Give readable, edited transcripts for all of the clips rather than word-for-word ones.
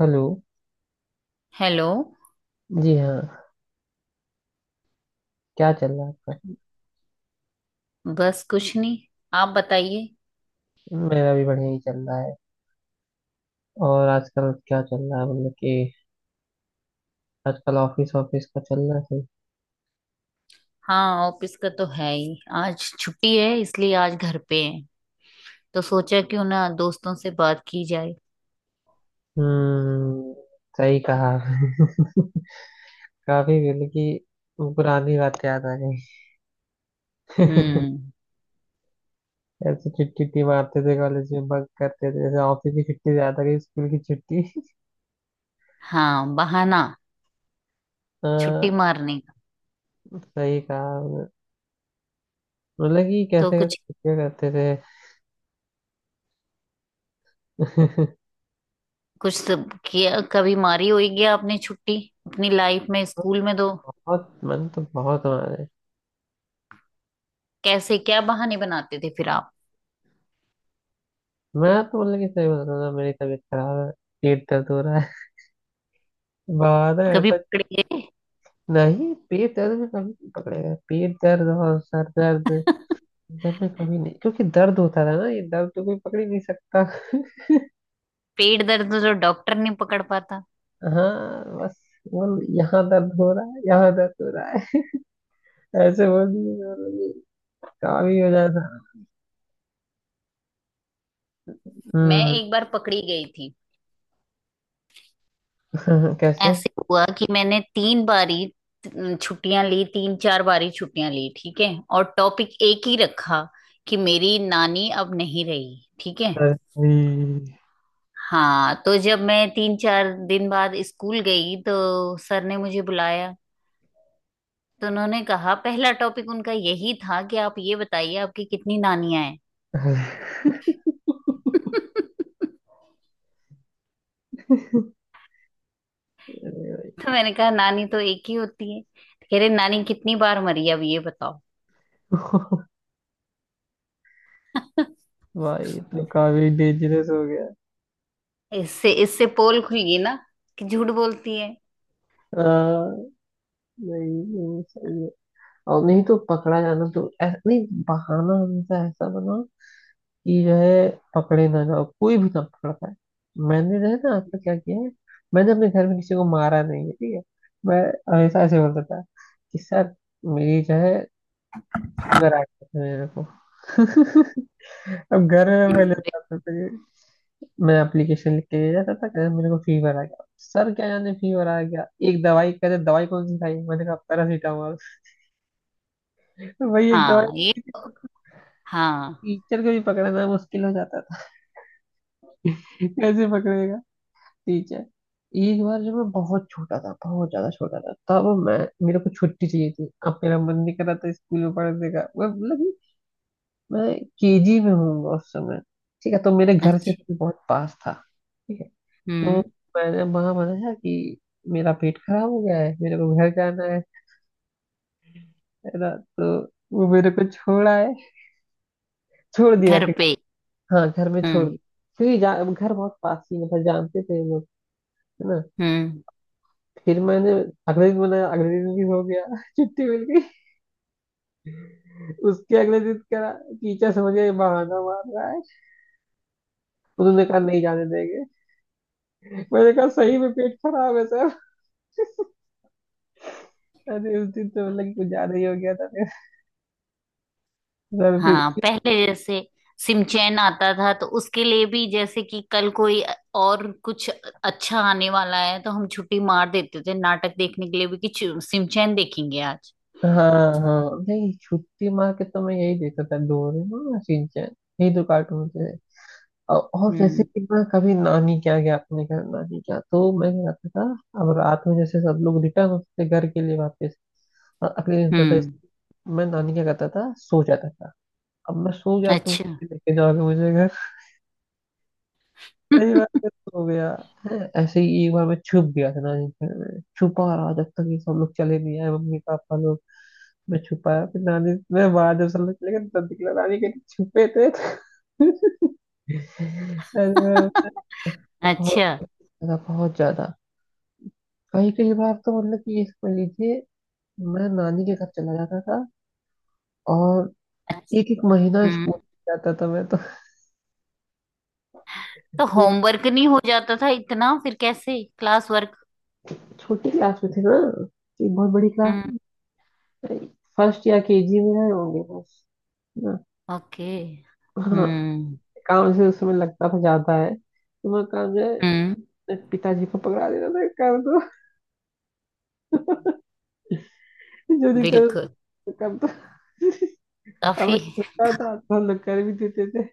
Hello. Hello. जी हाँ। क्या चल रहा है आपका। बस कुछ नहीं, आप बताइए। मेरा भी बढ़िया ही चल रहा है। और आजकल क्या चल रहा है, मतलब कि आजकल ऑफिस ऑफिस का चल रहा है, सही। हाँ, ऑफिस का तो है ही, आज छुट्टी है इसलिए आज घर पे हैं। तो सोचा क्यों ना दोस्तों से बात की जाए। हम्म। सही कहा आपने। काफी, मतलब कि पुरानी बात याद आ गई। हम्म। ऐसे छुट्टी उट्टी मारते थे, कॉलेज में बंक करते थे जैसे। ऑफिस की छुट्टी ज्यादा गई स्कूल की छुट्टी। हाँ, बहाना छुट्टी हाँ, मारने का। सही कहा आपने। मतलब कि तो कैसे कैसे कुछ छुट्टियां करते थे। कुछ सब किया, कभी मारी होगी आपने छुट्टी अपनी लाइफ में स्कूल में तो? बहुत मन तो बहुत हमारे। कैसे, क्या बहाने बनाते थे फिर आप? मैं तो, मतलब कि, सही बता रहा हूँ, मेरी तबीयत खराब है, पेट दर्द हो रहा है। बहाना कभी ऐसा। पकड़े गए? नहीं, पेट दर्द में कभी नहीं पकड़ेगा। पेट दर्द और सर दर्द। जब मैं कभी नहीं, क्योंकि दर्द होता था ना, ये दर्द तो कोई पकड़ ही नहीं सकता। पेट दर्द तो डॉक्टर नहीं पकड़ पाता। हाँ बस, बोल यहाँ दर्द हो रहा है, यहाँ दर्द हो रहा है। ऐसे बोल दिए और ये काम ही हो जाता। मैं हम्म। एक बार पकड़ी गई थी। कैसे? ऐसे हुआ कि मैंने तीन बारी छुट्टियां ली, तीन चार बारी छुट्टियां ली, ठीक है। और टॉपिक एक ही रखा कि मेरी नानी अब नहीं रही, ठीक है। अरे भाई। हाँ, तो जब मैं तीन चार दिन बाद स्कूल गई तो सर ने मुझे बुलाया। तो उन्होंने कहा, पहला टॉपिक उनका यही था कि आप ये बताइए आपकी कितनी नानियां हैं। तो मैंने कहा नानी तो एक ही होती है। कह रहे, नानी कितनी बार मरी अब ये बताओ। भाई तो काफी डेंजरस हो गया। इससे इससे पोल खुल गई ना कि झूठ बोलती है। हाँ। नहीं नहीं, सही है। और नहीं तो पकड़ा जाना, तो ऐसा नहीं, बहाना हमेशा ऐसा बनाओ कि जो है, पकड़े ना जाओ, कोई भी ना पकड़ पाए। मैंने जो है ना, आज तक क्या किया है, मैंने अपने घर में किसी को मारा नहीं है, ठीक है। मैं हमेशा ऐसे बोलता था कि सर, मेरी जो है, फीवर आ गया था मेरे को। अब घर में मैं हम्म। लेता था तो मैं एप्लीकेशन लिख के ले जाता था, कहते मेरे को फीवर आ गया सर, क्या जाने, फीवर आ गया, एक दवाई, कहते दवाई कौन सी खाई, मैंने कहा पैरासीटामोल। वही एक दवाई। हाँ ये तो, हाँ। टीचर को भी पकड़ना मुश्किल हो जाता था। कैसे पकड़ेगा? ठीक है। एक बार जब मैं बहुत छोटा था, बहुत ज्यादा छोटा था, तब मैं मेरे को छुट्टी चाहिए थी। अब मेरा मन नहीं कर रहा था स्कूल में पढ़ने का। मैं मतलब कि मैं केजी में हूँ उस समय। ठीक है। तो मेरे घर से अच्छा। स्कूल बहुत पास था, ठीक है। तो हम्म। मैंने वहां मनाया कि मेरा पेट खराब हो गया है, मेरे को घर जाना है ना। तो वो मेरे को छोड़ा है, छोड़ दिया घर कि पे। हाँ, घर में छोड़ हम्म। दिया। क्योंकि घर बहुत पास ही, मतलब जानते थे लोग, है ना। हम्म। फिर मैंने अगले दिन भी हो गया। छुट्टी मिल गई। उसके अगले दिन करा। टीचर समझ गए, बहाना मार रहा है। उन्होंने कहा नहीं जाने देंगे। मैंने कहा सही में पेट खराब है सर। अरे उस दिन तो मतलब कि कुछ ज्यादा ही हो गया था। फिर सर हाँ, फिर। पहले जैसे सिमचैन आता था तो उसके लिए भी, जैसे कि कल कोई और कुछ अच्छा आने वाला है तो हम छुट्टी मार देते थे, नाटक देखने के लिए भी कि सिमचैन देखेंगे आज। हाँ हाँ। नहीं, छुट्टी मार के तो मैं यही देखता था, डोरेमोन और शिनचैन, यही दो कार्टून थे। और जैसे हम्म। कि मैं कभी नानी क्या गया अपने घर, नानी क्या, तो मैं क्या करता था, अब रात में जैसे सब लोग रिटर्न होते थे घर के लिए वापस। और अगले दिन होता हम्म। था, मैं नानी क्या करता था, सो जाता था। अब मैं सो जाता हूँ, अच्छा। किसी लेके जाओगे मुझे घर। कई बार मैं सो गया। है ऐसे ही। एक बार मैं छुप गया था नानी के घर में, छुपा रहा जब तक ये सब लोग चले नहीं आए, मम्मी पापा लोग। मैं छुपाया फिर नानी, मैं बाहर जब सब लोग चले गए तब निकला, नानी के छुपे थे। अरे, बहुत अच्छा। ज्यादा, बहुत ज्यादा। कई कई बार तो, मतलब कि, इस पर लीजिए, मैं नानी के घर चला जाता था। और एक एक महीना हम्म। स्कूल जाता था मैं तो। तो एक होमवर्क नहीं हो जाता था इतना, फिर कैसे क्लास वर्क? छोटी क्लास में थे ना, एक बहुत बड़ी हम्म। क्लास, फर्स्ट या केजी में आए होंगे बस ना। ओके। हाँ। हम्म। काम से उस समय लगता था ज्यादा है तो मैं काम जो हम्म। है, पिताजी को पकड़ा देता था, कर दो, जो दिखता बिल्कुल। था कर दो। काफी। हमें छोटा था तो हम लोग कर भी देते थे।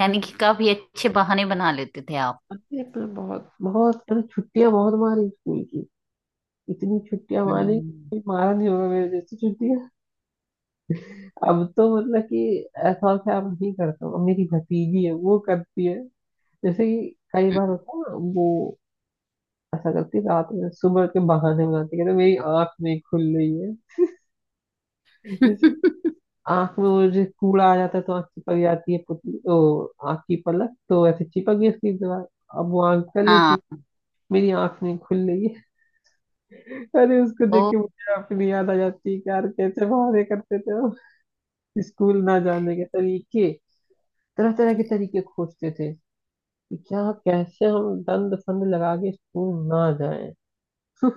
यानी कि काफी अच्छे बहाने बना लेते थे आप। हमने छुट्टियां बहुत मारी स्कूल की। इतनी छुट्टियां मारी, हम्म। कोई मारा नहीं होगा मेरे जैसी छुट्टियां। अब तो मतलब कि ऐसा और क्या, अब नहीं करता हूँ। अब मेरी भतीजी है, वो करती है। जैसे कि कई बार हम्म। होता है ना वो, ऐसा करती है रात में, सुबह के बहाने बनाती है, कहते मेरी आंख नहीं खुल रही है। जैसे आंख में वो जो कूड़ा आ जाता है तो आंख चिपक जाती है पुतली, ओ आंख की पलक तो ऐसे चिपक गई उसकी दीवार। अब वो आंख कर लेती, हाँ। मेरी आंख नहीं खुल रही है। अरे उसको वो देख के मुझे अपनी याद आ जाती है कि यार, कैसे बहाने करते थे हम, स्कूल ना जाने के तरीके, तरह तरह के तरीके खोजते थे कि क्या, कैसे हम दंड फंद लगा के स्कूल ना जाए।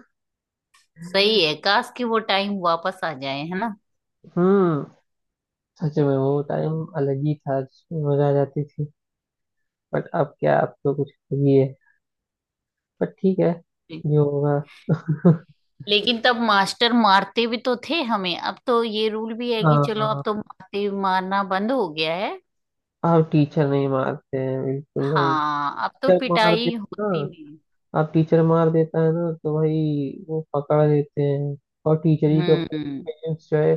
सही है, काश कि वो टाइम वापस आ जाए, है ना। हम्म। सच में वो टाइम अलग ही था जिसमें मजा आ जाती थी। बट अब क्या, अब तो कुछ अलग ही है। बट ठीक है, जो होगा। लेकिन तब मास्टर मारते भी तो थे हमें, अब तो ये रूल भी है कि चलो अब हाँ। तो मारते मारना बंद हो गया है। अब टीचर नहीं मारते हैं, बिल्कुल नहीं। हाँ अब तो टीचर मार पिटाई देता होती नहीं। अब टीचर मार देता है ना, तो भाई वो पकड़ देते हैं। और टीचर ही के ऊपर हम्म। पेरेंट्स जो है,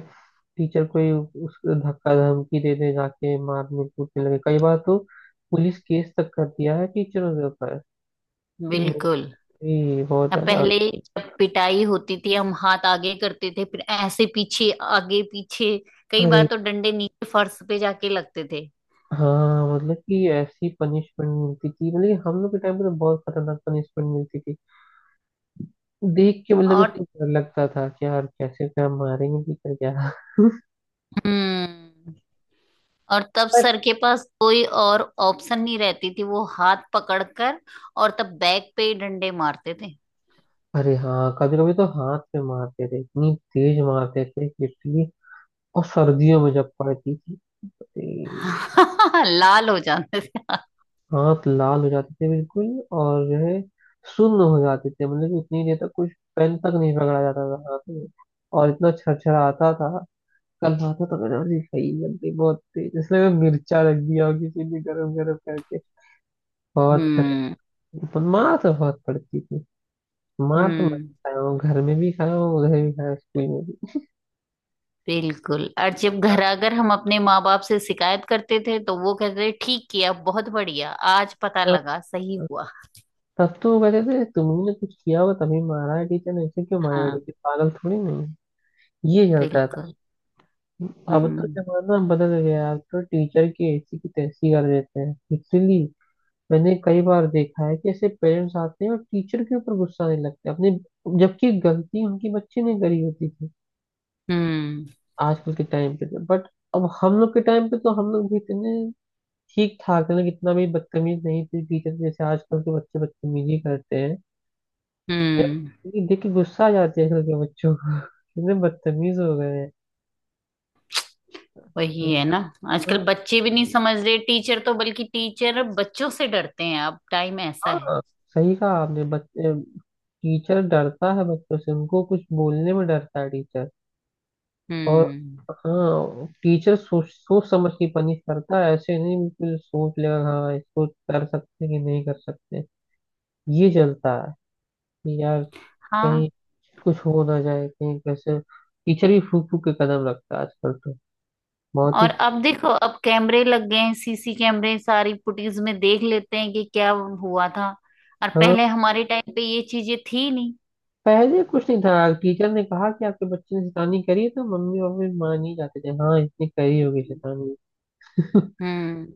टीचर को ही उसको धक्का धमकी दे दे, जाके मारने कूटने लगे, कई बार तो पुलिस केस तक कर दिया है टीचरों के ऊपर। ये मेरे बिल्कुल। लिए बहुत अब ज्यादा। पहले जब पिटाई होती थी, हम हाथ आगे करते थे फिर ऐसे पीछे, आगे पीछे। कई बार अरे तो डंडे नीचे फर्श पे जाके लगते थे। हाँ, मतलब कि ऐसी पनिशमेंट मिलती थी, मतलब कि हम लोग के टाइम पे तो बहुत खतरनाक पनिशमेंट मिलती थी। देख के मतलब और, उसको डर लगता था कि यार, कैसे क्या मारेंगे, कि क्या क्या। हम्म, और तब पर सर के पास कोई और ऑप्शन नहीं रहती थी, वो हाथ पकड़कर। और तब बैक पे ही डंडे मारते थे। अरे हाँ, कभी कभी तो हाथ पे मारते थे, इतनी तेज मारते थे, पिटली। और सर्दियों में जब पड़ती थी, अरे। लाल हो जाते थे हाथ। हाथ लाल हो जाते थे बिल्कुल। और जो है, सुन्न हो जाते थे, मतलब कि उतनी देर तक कुछ पेन तक नहीं पकड़ा जाता था हाथ में, और इतना छरछराता था। कल खाता था तो मैंने, अरे सही लग गई बहुत तेज, इसमें मैं मिर्चा रख दिया और किसी भी गरम गरम करके। बहुत हम्म। खतरनाक, पर मार तो बहुत पड़ती थी। मार तो मैं हम्म। खाया हूँ, घर में भी खाया हूँ, उधर भी खाया हूँ, स्कूल में भी। बिल्कुल। और जब घर आकर हम अपने माँ बाप से शिकायत करते थे तो वो कहते थे, ठीक किया, बहुत बढ़िया, आज पता हाँ, लगा, सही हुआ। तब तो वो कहते थे, तुमने कुछ किया हो तभी मारा है, टीचर ने ऐसे क्यों मारेगा, हाँ। टीचर पागल थोड़ी नहीं है? ये चलता था। बिल्कुल। अब तो हम्म। जमाना बदल गया, अब तो टीचर की ऐसी की तैसी कर देते हैं लिटरली। मैंने कई बार देखा है कि ऐसे पेरेंट्स आते हैं और टीचर के ऊपर गुस्सा नहीं लगते हैं अपने, जबकि गलती उनकी बच्चे ने करी होती थी, हम्म। आजकल के टाइम पे तो। बट। अब हम लोग के टाइम पे तो हम लोग भी इतने ठीक ठाक थे ना, कितना भी बदतमीज नहीं थे टीचर जैसे, आजकल के बच्चे बदतमीजी करते हैं। हम्म। ये देख के गुस्सा आ जाती है आजकल के बच्चों को। कितने बदतमीज हो गए हैं। वही है ना। आजकल हाँ बच्चे भी नहीं समझ रहे टीचर तो बल्कि टीचर बच्चों से डरते हैं, अब टाइम ऐसा है। हाँ, सही कहा आपने, बच्चे। टीचर डरता है बच्चों से, उनको कुछ बोलने में डरता है टीचर। और हम्म। हाँ, टीचर सोच सोच समझ के पनिश करता है, ऐसे नहीं बिल्कुल, सोच लेगा हाँ इसको कर सकते हैं कि नहीं कर सकते। ये चलता है कि यार, हाँ कहीं कुछ हो ना जाए, कहीं कैसे, टीचर भी फूक फूक के कदम रखता है आजकल तो, बहुत और ही। अब देखो, अब कैमरे लग गए हैं, सीसी कैमरे। सारी फुटेज में देख लेते हैं कि क्या हुआ था। और हाँ। पहले हमारे टाइम पे ये चीजें थी नहीं। पहले कुछ नहीं था, टीचर ने कहा कि आपके बच्चे ने शैतानी करी है, तो मम्मी पापा मान ही जाते थे हाँ, इसने करी होगी शैतानी। हम्म।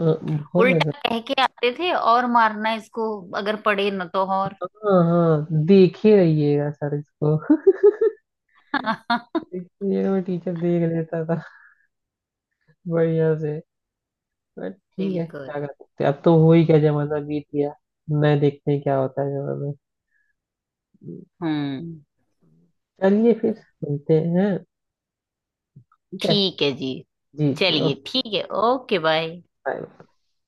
बहुत ज्यादा। उल्टा कह के आते थे, और मारना इसको अगर पड़े ना तो और। हाँ हाँ, देखे रहिएगा सर इसको। देखिएगा। मैं टीचर देख लेता था बढ़िया से। बट ठीक है, बिल्कुल। क्या कर सकते हैं, अब तो हो ही क्या, जमाना बीत गया। नए देखते हैं क्या होता है जमाना में। हम्म। चलिए फिर मिलते हैं। ठीक है, ठीक है जी, जी जी, चलिए ओके ठीक है, ओके बाय। बाय।